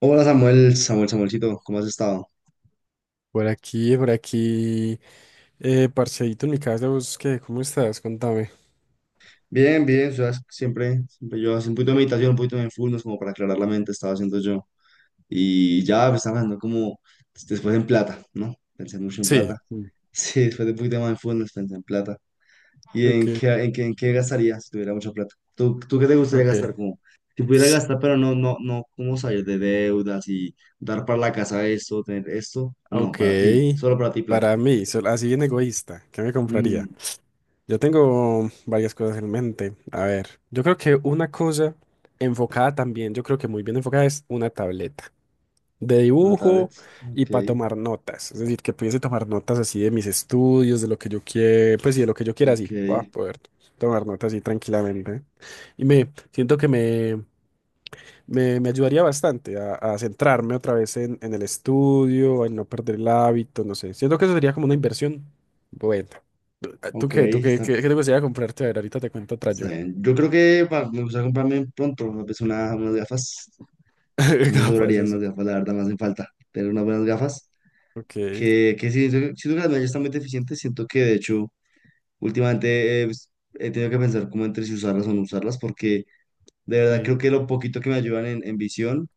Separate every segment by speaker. Speaker 1: Hola Samuel, Samuelcito, ¿cómo has estado?
Speaker 2: Por aquí, parceíto en mi casa, ¿vos qué? ¿Cómo estás? Contame.
Speaker 1: Bien, siempre yo hace un poquito de meditación, un poquito de mindfulness como para aclarar la mente, estaba haciendo yo. Y ya pues, estaba hablando después en plata, ¿no? Pensé mucho en
Speaker 2: Sí.
Speaker 1: plata.
Speaker 2: Mm.
Speaker 1: Sí, después de un poquito de mindfulness pensé en plata. ¿Y
Speaker 2: Ok,
Speaker 1: en qué gastaría si tuviera mucha plata? Tú qué te gustaría
Speaker 2: ok,
Speaker 1: gastar? Como, si pudiera gastar, pero no, ¿cómo salir de deudas y dar para la casa esto, tener esto? No, para ti,
Speaker 2: ok.
Speaker 1: solo para ti plata.
Speaker 2: Para mí, sol- así bien egoísta, ¿qué me compraría?
Speaker 1: Mm,
Speaker 2: Yo tengo varias cosas en mente. A ver, yo creo que una cosa enfocada también, yo creo que muy bien enfocada es una tableta de
Speaker 1: una tablet,
Speaker 2: dibujo y
Speaker 1: ok.
Speaker 2: para tomar notas. Es decir, que pudiese tomar notas así de mis estudios, de lo que yo quiera, pues sí, de lo que yo quiera, así.
Speaker 1: Ok,
Speaker 2: Voy a poder tomar notas así tranquilamente. Y me siento que me ayudaría bastante a centrarme otra vez en el estudio, en no perder el hábito, no sé. Siento que eso sería como una inversión. Bueno. ¿Tú
Speaker 1: ok,
Speaker 2: qué? ¿Tú qué?
Speaker 1: está,
Speaker 2: ¿Qué, qué te gustaría comprarte? A ver, ahorita te cuento otra
Speaker 1: está
Speaker 2: yo.
Speaker 1: bien. Yo creo que me gustaría comprarme pronto tal vez unas gafas. No me
Speaker 2: Capaz
Speaker 1: sobrarían
Speaker 2: eso.
Speaker 1: unas gafas, la verdad, me hacen falta tener unas buenas gafas.
Speaker 2: Ok.
Speaker 1: Que sí, siento que las mías ya están muy deficientes. Siento que de hecho, últimamente he tenido que pensar como entre si usarlas o no usarlas, porque de verdad creo
Speaker 2: Sí.
Speaker 1: que lo poquito que me ayudan en visión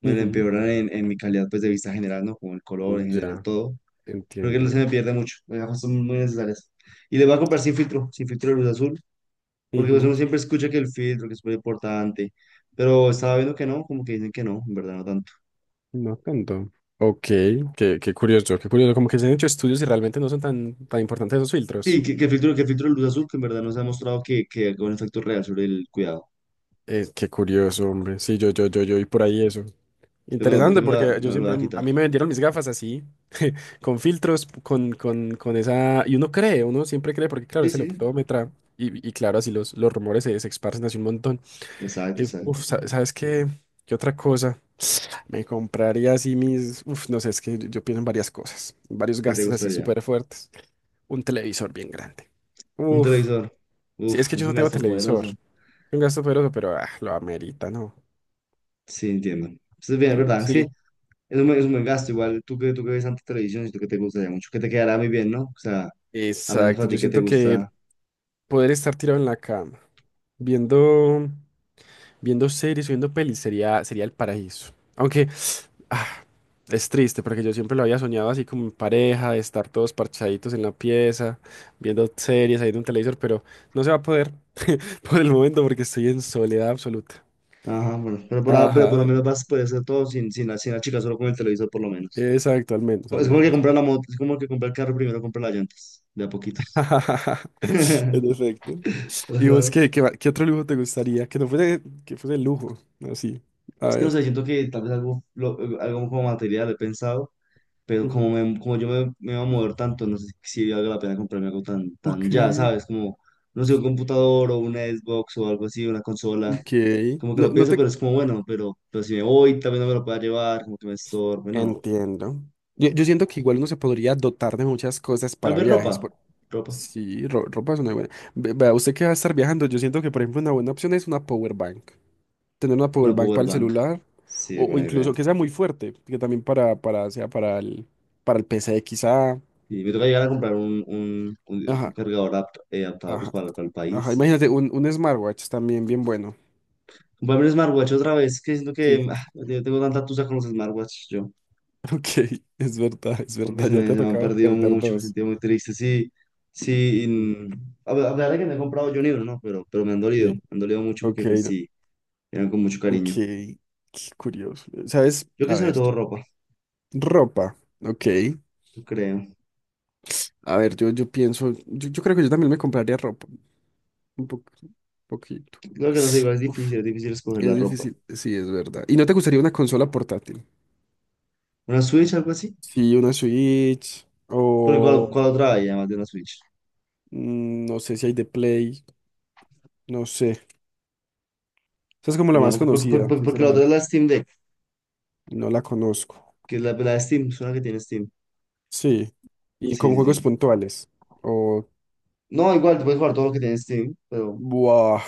Speaker 1: me lo
Speaker 2: Ujú.
Speaker 1: empeoran en mi calidad pues, de vista general, ¿no? Como el color en general,
Speaker 2: Ya,
Speaker 1: todo. Creo que no se
Speaker 2: entiendo.
Speaker 1: me pierde mucho. Las gafas son muy necesarias. Y le voy a comprar sin filtro, sin filtro de luz azul. Porque pues
Speaker 2: Ujú.
Speaker 1: uno siempre escucha que el filtro, que es muy importante, pero estaba viendo que no, como que dicen que no, en verdad no tanto.
Speaker 2: No tanto. Ok, qué qué curioso, qué curioso. Como que se han hecho estudios y realmente no son tan, tan importantes esos filtros.
Speaker 1: Sí, que el filtro de luz azul, que en verdad no se ha mostrado que haga un efecto real sobre el cuidado.
Speaker 2: Qué curioso, hombre. Sí, yo y por ahí eso.
Speaker 1: Yo
Speaker 2: Interesante porque
Speaker 1: me
Speaker 2: yo
Speaker 1: lo voy
Speaker 2: siempre,
Speaker 1: a
Speaker 2: a
Speaker 1: quitar.
Speaker 2: mí me vendieron mis gafas así, con filtros, con esa, y uno cree, uno siempre cree, porque claro,
Speaker 1: Sí,
Speaker 2: es el
Speaker 1: sí,
Speaker 2: optómetra, y claro, así los rumores se esparcen así un montón.
Speaker 1: exacto,
Speaker 2: Uf,
Speaker 1: exacto.
Speaker 2: sa- ¿sabes qué? ¿Qué otra cosa? Me compraría así mis, uf, no sé, es que yo pienso en varias cosas, varios
Speaker 1: ¿Qué te
Speaker 2: gastos así
Speaker 1: gustaría?
Speaker 2: súper fuertes. Un televisor bien grande.
Speaker 1: Un
Speaker 2: Uf,
Speaker 1: televisor.
Speaker 2: sí, es
Speaker 1: Uf,
Speaker 2: que
Speaker 1: es
Speaker 2: yo no
Speaker 1: un
Speaker 2: tengo
Speaker 1: gasto
Speaker 2: televisor.
Speaker 1: poderoso.
Speaker 2: Un gasto poderoso, pero ah, lo amerita, ¿no?
Speaker 1: Sí, entiendo. Entonces, bien, es
Speaker 2: Mm,
Speaker 1: verdad, es que
Speaker 2: sí,
Speaker 1: es un buen gasto. Igual tú que ves tanta televisión y tú que te gustaría mucho, que te quedará muy bien, ¿no? O sea, apenas
Speaker 2: exacto.
Speaker 1: para ti
Speaker 2: Yo
Speaker 1: que te
Speaker 2: siento que
Speaker 1: gusta.
Speaker 2: poder estar tirado en la cama, viendo, viendo series, viendo pelis, sería, sería el paraíso. Aunque ah, es triste, porque yo siempre lo había soñado así como en pareja, de estar todos parchaditos en la pieza, viendo series, ahí en un televisor, pero no se va a poder por el momento porque estoy en soledad absoluta.
Speaker 1: Ajá, bueno, pero por, ah, pero por lo
Speaker 2: Ajá,
Speaker 1: menos vas a poder hacer todo sin la chica, solo con el televisor por lo menos.
Speaker 2: exacto, al menos,
Speaker 1: Pues
Speaker 2: al
Speaker 1: es como que
Speaker 2: menos.
Speaker 1: comprar la moto, es como que comprar el carro primero, comprar las llantas, de a poquitos.
Speaker 2: En efecto.
Speaker 1: Pues
Speaker 2: ¿Y vos
Speaker 1: nada.
Speaker 2: qué, qué, va- qué otro lujo te gustaría? Que no fuese, que fuese lujo, así. A
Speaker 1: Es que no
Speaker 2: ver.
Speaker 1: sé, siento que tal vez algo como material he pensado, pero
Speaker 2: Ujú.
Speaker 1: como me voy a mover tanto, no sé si valga la pena comprarme algo tan
Speaker 2: Ok.
Speaker 1: ya, ¿sabes? Como, no sé, un computador o una Xbox o algo así, una consola.
Speaker 2: Ok.
Speaker 1: Como que
Speaker 2: No,
Speaker 1: lo
Speaker 2: no
Speaker 1: pienso,
Speaker 2: te
Speaker 1: pero es como bueno, pero si me voy, tal vez no me lo pueda llevar, como que me estorbe, no.
Speaker 2: entiendo. Yo siento que igual uno se podría dotar de muchas cosas
Speaker 1: Tal
Speaker 2: para
Speaker 1: vez ropa.
Speaker 2: viajes. Por-
Speaker 1: Ropa.
Speaker 2: sí, ro- ropa es una buena. Ve- vea, usted que va a estar viajando, yo siento que, por ejemplo, una buena opción es una power bank. Tener una power
Speaker 1: Una
Speaker 2: bank
Speaker 1: power
Speaker 2: para el
Speaker 1: bank.
Speaker 2: celular
Speaker 1: Sí,
Speaker 2: o
Speaker 1: buena idea.
Speaker 2: incluso que sea muy fuerte, que también para, sea para para el PC quizá.
Speaker 1: Y me toca llegar a comprar un
Speaker 2: Ajá,
Speaker 1: cargador adaptado pues,
Speaker 2: ajá.
Speaker 1: para el
Speaker 2: Ajá,
Speaker 1: país.
Speaker 2: imagínate, un smartwatch también bien bueno.
Speaker 1: Comprarme un smartwatch otra vez, que siento
Speaker 2: Sí.
Speaker 1: que ah, yo tengo tanta tusa con los smartwatch yo,
Speaker 2: Ok, es
Speaker 1: porque
Speaker 2: verdad, ya te ha
Speaker 1: se me han
Speaker 2: tocado
Speaker 1: perdido
Speaker 2: perder
Speaker 1: mucho, me he
Speaker 2: dos.
Speaker 1: sentido muy triste. Sí, sí, y,
Speaker 2: Sí.
Speaker 1: mm, a ver, que me he comprado yo un libro, ¿no? Pero, me
Speaker 2: Sí,
Speaker 1: han dolido mucho
Speaker 2: ok,
Speaker 1: porque pues
Speaker 2: no,
Speaker 1: sí, eran con mucho
Speaker 2: ok,
Speaker 1: cariño.
Speaker 2: qué curioso. ¿Sabes?
Speaker 1: Yo creo que
Speaker 2: A
Speaker 1: sobre
Speaker 2: ver, yo-
Speaker 1: todo ropa,
Speaker 2: ropa, ok.
Speaker 1: yo creo.
Speaker 2: A ver, yo pienso, yo creo que yo también me compraría ropa, un po- un poquito.
Speaker 1: Claro que no sé, igual
Speaker 2: Uf,
Speaker 1: es difícil escoger la
Speaker 2: es
Speaker 1: ropa.
Speaker 2: difícil, sí, es verdad. ¿Y no te gustaría una consola portátil?
Speaker 1: ¿Una Switch, algo así?
Speaker 2: Sí, una Switch
Speaker 1: Porque
Speaker 2: o
Speaker 1: cuál otra hay además de la Switch.
Speaker 2: mm, no sé si hay de Play, no sé. Esa es como la
Speaker 1: No,
Speaker 2: más conocida,
Speaker 1: porque la otra es
Speaker 2: sinceramente.
Speaker 1: la Steam Deck,
Speaker 2: No la conozco.
Speaker 1: que es la de Steam, suena que tiene Steam.
Speaker 2: Sí. Y
Speaker 1: Sí,
Speaker 2: con
Speaker 1: sí,
Speaker 2: juegos
Speaker 1: sí.
Speaker 2: puntuales. O
Speaker 1: No, igual, tú puedes jugar todo lo que tiene Steam, pero
Speaker 2: buah.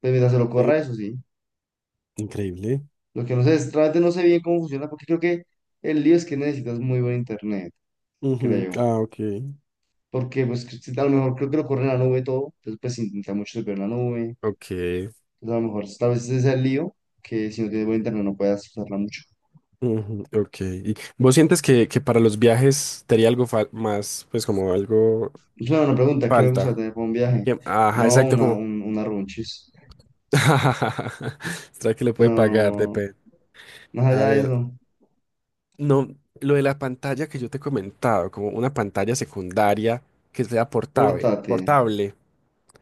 Speaker 1: pues, mientras se lo corra, eso sí.
Speaker 2: Increíble.
Speaker 1: Lo que no sé es, realmente no sé bien cómo funciona, porque creo que el lío es que necesitas muy buen internet,
Speaker 2: Ujú,
Speaker 1: creo.
Speaker 2: ah, ok.
Speaker 1: Porque, pues, que si- a lo mejor creo que lo corre en la nube todo, entonces, pues, intenta mucho ver la nube.
Speaker 2: Ok,
Speaker 1: Entonces, a lo mejor, tal vez ese es el lío, que si no tienes buen internet no puedas usarla mucho.
Speaker 2: ujú, ok. ¿Y vos sientes que para los viajes te haría algo fal- más, pues como algo
Speaker 1: Es una buena pregunta, ¿qué me gusta
Speaker 2: falta?
Speaker 1: tener para un viaje?
Speaker 2: Que- ajá,
Speaker 1: No,
Speaker 2: exacto, como...
Speaker 1: una runchis.
Speaker 2: ¿Será que le puede pagar?
Speaker 1: Pero
Speaker 2: Depende.
Speaker 1: más
Speaker 2: A
Speaker 1: allá de
Speaker 2: ver,
Speaker 1: eso,
Speaker 2: no, lo de la pantalla que yo te he comentado, como una pantalla secundaria que sea portable.
Speaker 1: pórtate.
Speaker 2: Portable.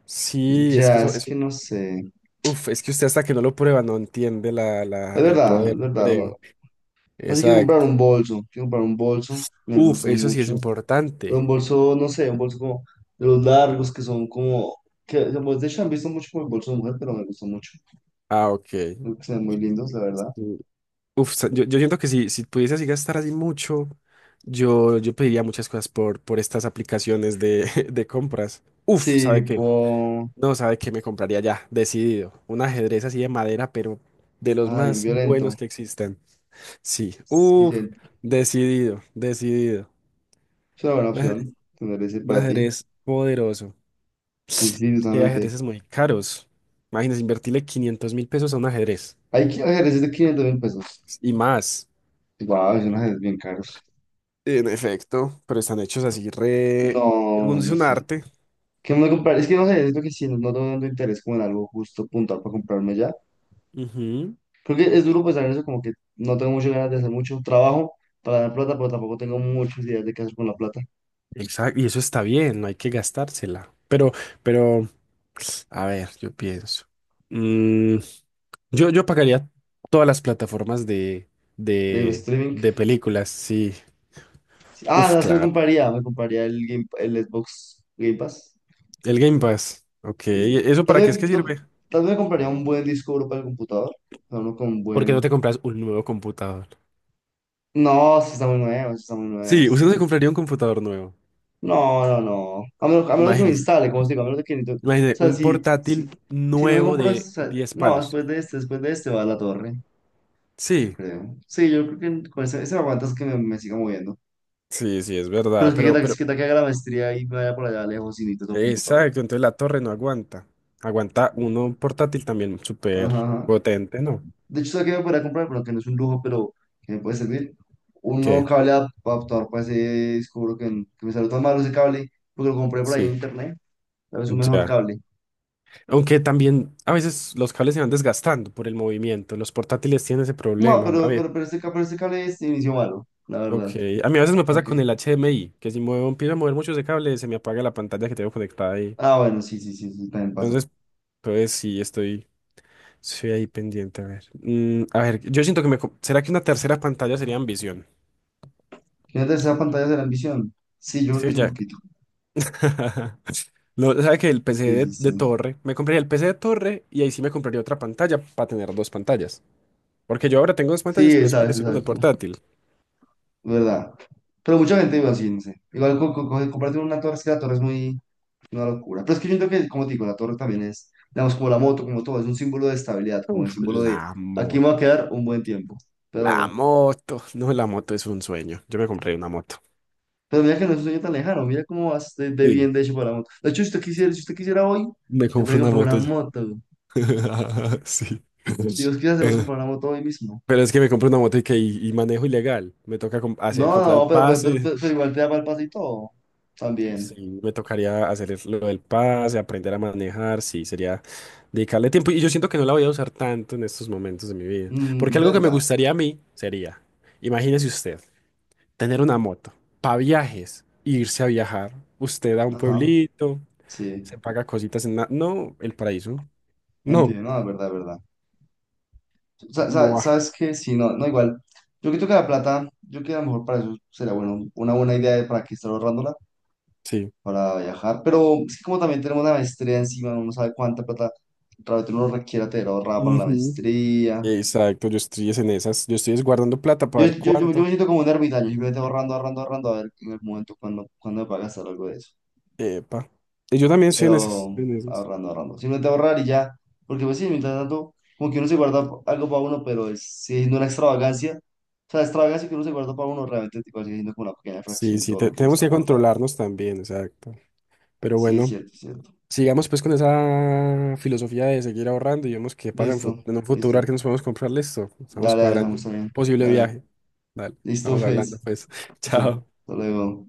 Speaker 2: Sí, es
Speaker 1: Ya,
Speaker 2: que eso,
Speaker 1: es
Speaker 2: eso
Speaker 1: que no sé.
Speaker 2: uf, es que usted hasta que no lo prueba no entiende
Speaker 1: Es
Speaker 2: el
Speaker 1: verdad,
Speaker 2: poder,
Speaker 1: es verdad.
Speaker 2: creo.
Speaker 1: Así quiero comprar
Speaker 2: Exacto.
Speaker 1: un bolso. Quiero comprar un bolso. Me
Speaker 2: Uf,
Speaker 1: gustan
Speaker 2: eso sí es
Speaker 1: mucho. Pero
Speaker 2: importante.
Speaker 1: un bolso, no sé, un bolso como de los largos que son como. Que, digamos, de hecho, han visto mucho como el bolso de mujer, pero me gustan mucho.
Speaker 2: Ah, ok.
Speaker 1: Creo que se ven muy lindos, la verdad.
Speaker 2: Sí. Uf, sa- yo siento que si, si pudiese así gastar así mucho, yo pediría muchas cosas por estas aplicaciones de, de compras. Uf,
Speaker 1: Sí,
Speaker 2: ¿sabe qué?
Speaker 1: tipo.
Speaker 2: No, ¿sabe qué? Me compraría ya, decidido. Un ajedrez así de madera, pero de los
Speaker 1: Ay, un
Speaker 2: más buenos
Speaker 1: violento.
Speaker 2: que existen. Sí,
Speaker 1: Sí,
Speaker 2: uf,
Speaker 1: sí,
Speaker 2: decidido, decidido.
Speaker 1: es una buena
Speaker 2: Un ajedrez,
Speaker 1: opción tener ese
Speaker 2: un
Speaker 1: para ti.
Speaker 2: ajedrez poderoso.
Speaker 1: Sí, sí, sí,
Speaker 2: Es que hay
Speaker 1: justamente.
Speaker 2: ajedrezes muy caros. Imagínense, invertirle 500.000 pesos a un ajedrez.
Speaker 1: Hay ajedrezes de 500.000 pesos.
Speaker 2: Y más.
Speaker 1: Wow, son ajedrez bien caros.
Speaker 2: En efecto, pero están hechos así re... un-
Speaker 1: No,
Speaker 2: es
Speaker 1: no
Speaker 2: un
Speaker 1: sé.
Speaker 2: arte.
Speaker 1: ¿Qué me voy a comprar? Es que no sé, es lo que sí, no, no tengo tanto interés como en algo justo puntual para comprarme ya.
Speaker 2: Ujú.
Speaker 1: Creo que es duro pensar en eso, como que no tengo muchas ganas de hacer mucho trabajo para ganar plata, pero tampoco tengo muchas ideas de qué hacer con la plata.
Speaker 2: Exacto, y eso está bien, no hay que gastársela. Pero, a ver, yo pienso. Mm, yo pagaría todas las plataformas de,
Speaker 1: De
Speaker 2: de,
Speaker 1: streaming.
Speaker 2: de películas, sí.
Speaker 1: Sí. Ah,
Speaker 2: Uf,
Speaker 1: no, es que
Speaker 2: claro.
Speaker 1: me compraría Game, el Xbox Game Pass.
Speaker 2: El Game Pass. Ok, ¿y
Speaker 1: Sí.
Speaker 2: eso para qué es que sirve?
Speaker 1: Tal vez me compraría un buen disco duro para el computador, pero uno con
Speaker 2: ¿Por qué no
Speaker 1: buen...
Speaker 2: te compras un nuevo computador?
Speaker 1: No, sí está muy nuevo, sí está muy nuevo.
Speaker 2: Sí,
Speaker 1: Sí.
Speaker 2: usted no se compraría un computador nuevo.
Speaker 1: No, no, no. A menos de que me
Speaker 2: Imagínese.
Speaker 1: instale, como os digo, a menos de que... ni to- O
Speaker 2: Imagínese,
Speaker 1: sea,
Speaker 2: un portátil
Speaker 1: si no me
Speaker 2: nuevo
Speaker 1: compro...
Speaker 2: de
Speaker 1: o sea,
Speaker 2: 10
Speaker 1: no,
Speaker 2: palos.
Speaker 1: después de este va la torre, yo
Speaker 2: Sí,
Speaker 1: creo. Sí, yo creo que con ese me aguantas que me siga moviendo.
Speaker 2: sí, sí, es
Speaker 1: Pero
Speaker 2: verdad.
Speaker 1: es que qué tal, que
Speaker 2: Pero,
Speaker 1: qué tal que haga la maestría y me vaya por allá lejos y necesito otro computador.
Speaker 2: exacto, entonces la torre no aguanta. Aguanta uno
Speaker 1: Mm,
Speaker 2: portátil también
Speaker 1: ajá.
Speaker 2: súper
Speaker 1: Ajá.
Speaker 2: potente, ¿no?
Speaker 1: De hecho, ¿sabes qué me podría comprar? Bueno, que no es un lujo, pero que me puede servir. Un nuevo
Speaker 2: ¿Qué?
Speaker 1: cable adaptador para ese... Descubro que me salió tan malo ese cable porque lo compré por ahí en
Speaker 2: Sí,
Speaker 1: internet. Tal vez un mejor
Speaker 2: ya.
Speaker 1: cable.
Speaker 2: Aunque también a veces los cables se van desgastando por el movimiento. Los portátiles tienen ese
Speaker 1: No,
Speaker 2: problema. A ver,
Speaker 1: pero este cable es inició malo, la
Speaker 2: ok.
Speaker 1: verdad.
Speaker 2: A mí a veces me
Speaker 1: ¿Para
Speaker 2: pasa con
Speaker 1: qué?
Speaker 2: el HDMI, que si muevo, empiezo a mover mucho ese cable, se me apaga la pantalla que tengo conectada ahí.
Speaker 1: Ah, bueno, sí, sí, sí, sí, también pasa.
Speaker 2: Entonces, pues sí, estoy. Sí, ahí pendiente, a ver. Mm, a ver, yo siento que me... co- ¿Será que una tercera pantalla sería ambición?
Speaker 1: ¿Tiene tercera pantalla de la ambición? Sí, yo creo que
Speaker 2: Sí,
Speaker 1: sí, un
Speaker 2: ya.
Speaker 1: poquito.
Speaker 2: No, sabe que el PC
Speaker 1: Sí, sí,
Speaker 2: de
Speaker 1: sí.
Speaker 2: torre, me compraría el PC de torre y ahí sí me compraría otra pantalla para tener dos pantallas. Porque yo ahora tengo dos pantallas,
Speaker 1: Sí,
Speaker 2: pero es porque
Speaker 1: exacto,
Speaker 2: estoy con el
Speaker 1: exacto.
Speaker 2: portátil.
Speaker 1: ¿Verdad? Pero mucha gente iba así, no sé. Igual comprarte una torre, es que la torre es muy una locura. Pero es que yo entiendo que, como te digo, la torre también es, digamos, como la moto, como todo, es un símbolo de estabilidad, como el
Speaker 2: Uf,
Speaker 1: símbolo
Speaker 2: la
Speaker 1: de aquí me voy a
Speaker 2: moto.
Speaker 1: quedar un buen tiempo.
Speaker 2: La
Speaker 1: Pero.
Speaker 2: moto. No, la moto es un sueño. Yo me compré una moto.
Speaker 1: Pero mira que no es un sueño tan lejano, mira cómo vas de
Speaker 2: Sí,
Speaker 1: bien de hecho para la moto. De hecho, si usted quisiera hoy,
Speaker 2: me
Speaker 1: se
Speaker 2: compré
Speaker 1: puede
Speaker 2: una
Speaker 1: comprar una
Speaker 2: moto ya.
Speaker 1: moto.
Speaker 2: Sí.
Speaker 1: Dios, quizás se puede
Speaker 2: Eh,
Speaker 1: comprar una moto hoy mismo.
Speaker 2: pero es que me compré una moto y, que, y manejo ilegal. Me toca com-
Speaker 1: No,
Speaker 2: hacer- comprar el
Speaker 1: no,
Speaker 2: pase.
Speaker 1: pero igual te da para el pasito también.
Speaker 2: Sí, me tocaría hacer es- lo del pase, aprender a manejar, sí, sería dedicarle tiempo. Y yo siento que no la voy a usar tanto en estos momentos de mi vida. Porque
Speaker 1: Mm,
Speaker 2: algo que me
Speaker 1: ¿verdad?
Speaker 2: gustaría a mí sería, imagínese usted, tener una moto para viajes, irse a viajar. Usted a un
Speaker 1: Ajá,
Speaker 2: pueblito,
Speaker 1: sí,
Speaker 2: se paga cositas en... la- no, el paraíso. No.
Speaker 1: entiendo, no, es verdad, es verdad.
Speaker 2: Buah,
Speaker 1: ¿Sabes qué? Sí, no, no, igual. Yo creo que la plata, yo creo que a lo mejor para eso sería bueno, una buena idea para que estar ahorrándola
Speaker 2: sí.
Speaker 1: para viajar, pero es que como también tenemos una maestría encima, uno no sabe cuánta plata realmente uno requiere tener ahorrada para la
Speaker 2: Ujú.
Speaker 1: maestría.
Speaker 2: Exacto, yo estoy es en esas. Yo estoy es guardando plata para ver
Speaker 1: Yo
Speaker 2: cuánto.
Speaker 1: me siento como un ermitaño, simplemente ahorrando, ahorrando, ahorrando, a ver en el momento cuando me paga gastar algo de eso.
Speaker 2: Epa. Y yo también estoy en esas.
Speaker 1: Pero
Speaker 2: En esas.
Speaker 1: ahorrando, ahorrando. Simplemente ahorrar y ya, porque pues sí, mientras tanto, como que uno se guarda algo para uno, pero es, sigue siendo una extravagancia. O sea, la extravagancia que uno se guarda para uno realmente tipo, sigue siendo como una pequeña
Speaker 2: Sí,
Speaker 1: fracción de
Speaker 2: sí,
Speaker 1: todo lo
Speaker 2: te-
Speaker 1: que uno
Speaker 2: tenemos
Speaker 1: está
Speaker 2: que
Speaker 1: guardando.
Speaker 2: controlarnos también, exacto. Pero
Speaker 1: Sí, es
Speaker 2: bueno,
Speaker 1: cierto, es cierto.
Speaker 2: sigamos pues con esa filosofía de seguir ahorrando y vemos qué pasa en, fut-
Speaker 1: Listo,
Speaker 2: en un futuro, a ver
Speaker 1: listo.
Speaker 2: qué nos podemos comprar, listo. Estamos
Speaker 1: Dale, dale,
Speaker 2: cuadrando
Speaker 1: estamos
Speaker 2: un
Speaker 1: bien.
Speaker 2: posible
Speaker 1: Dale.
Speaker 2: viaje. Dale,
Speaker 1: Listo,
Speaker 2: estamos hablando
Speaker 1: pues.
Speaker 2: pues.
Speaker 1: Listo.
Speaker 2: Chao.
Speaker 1: Hasta luego.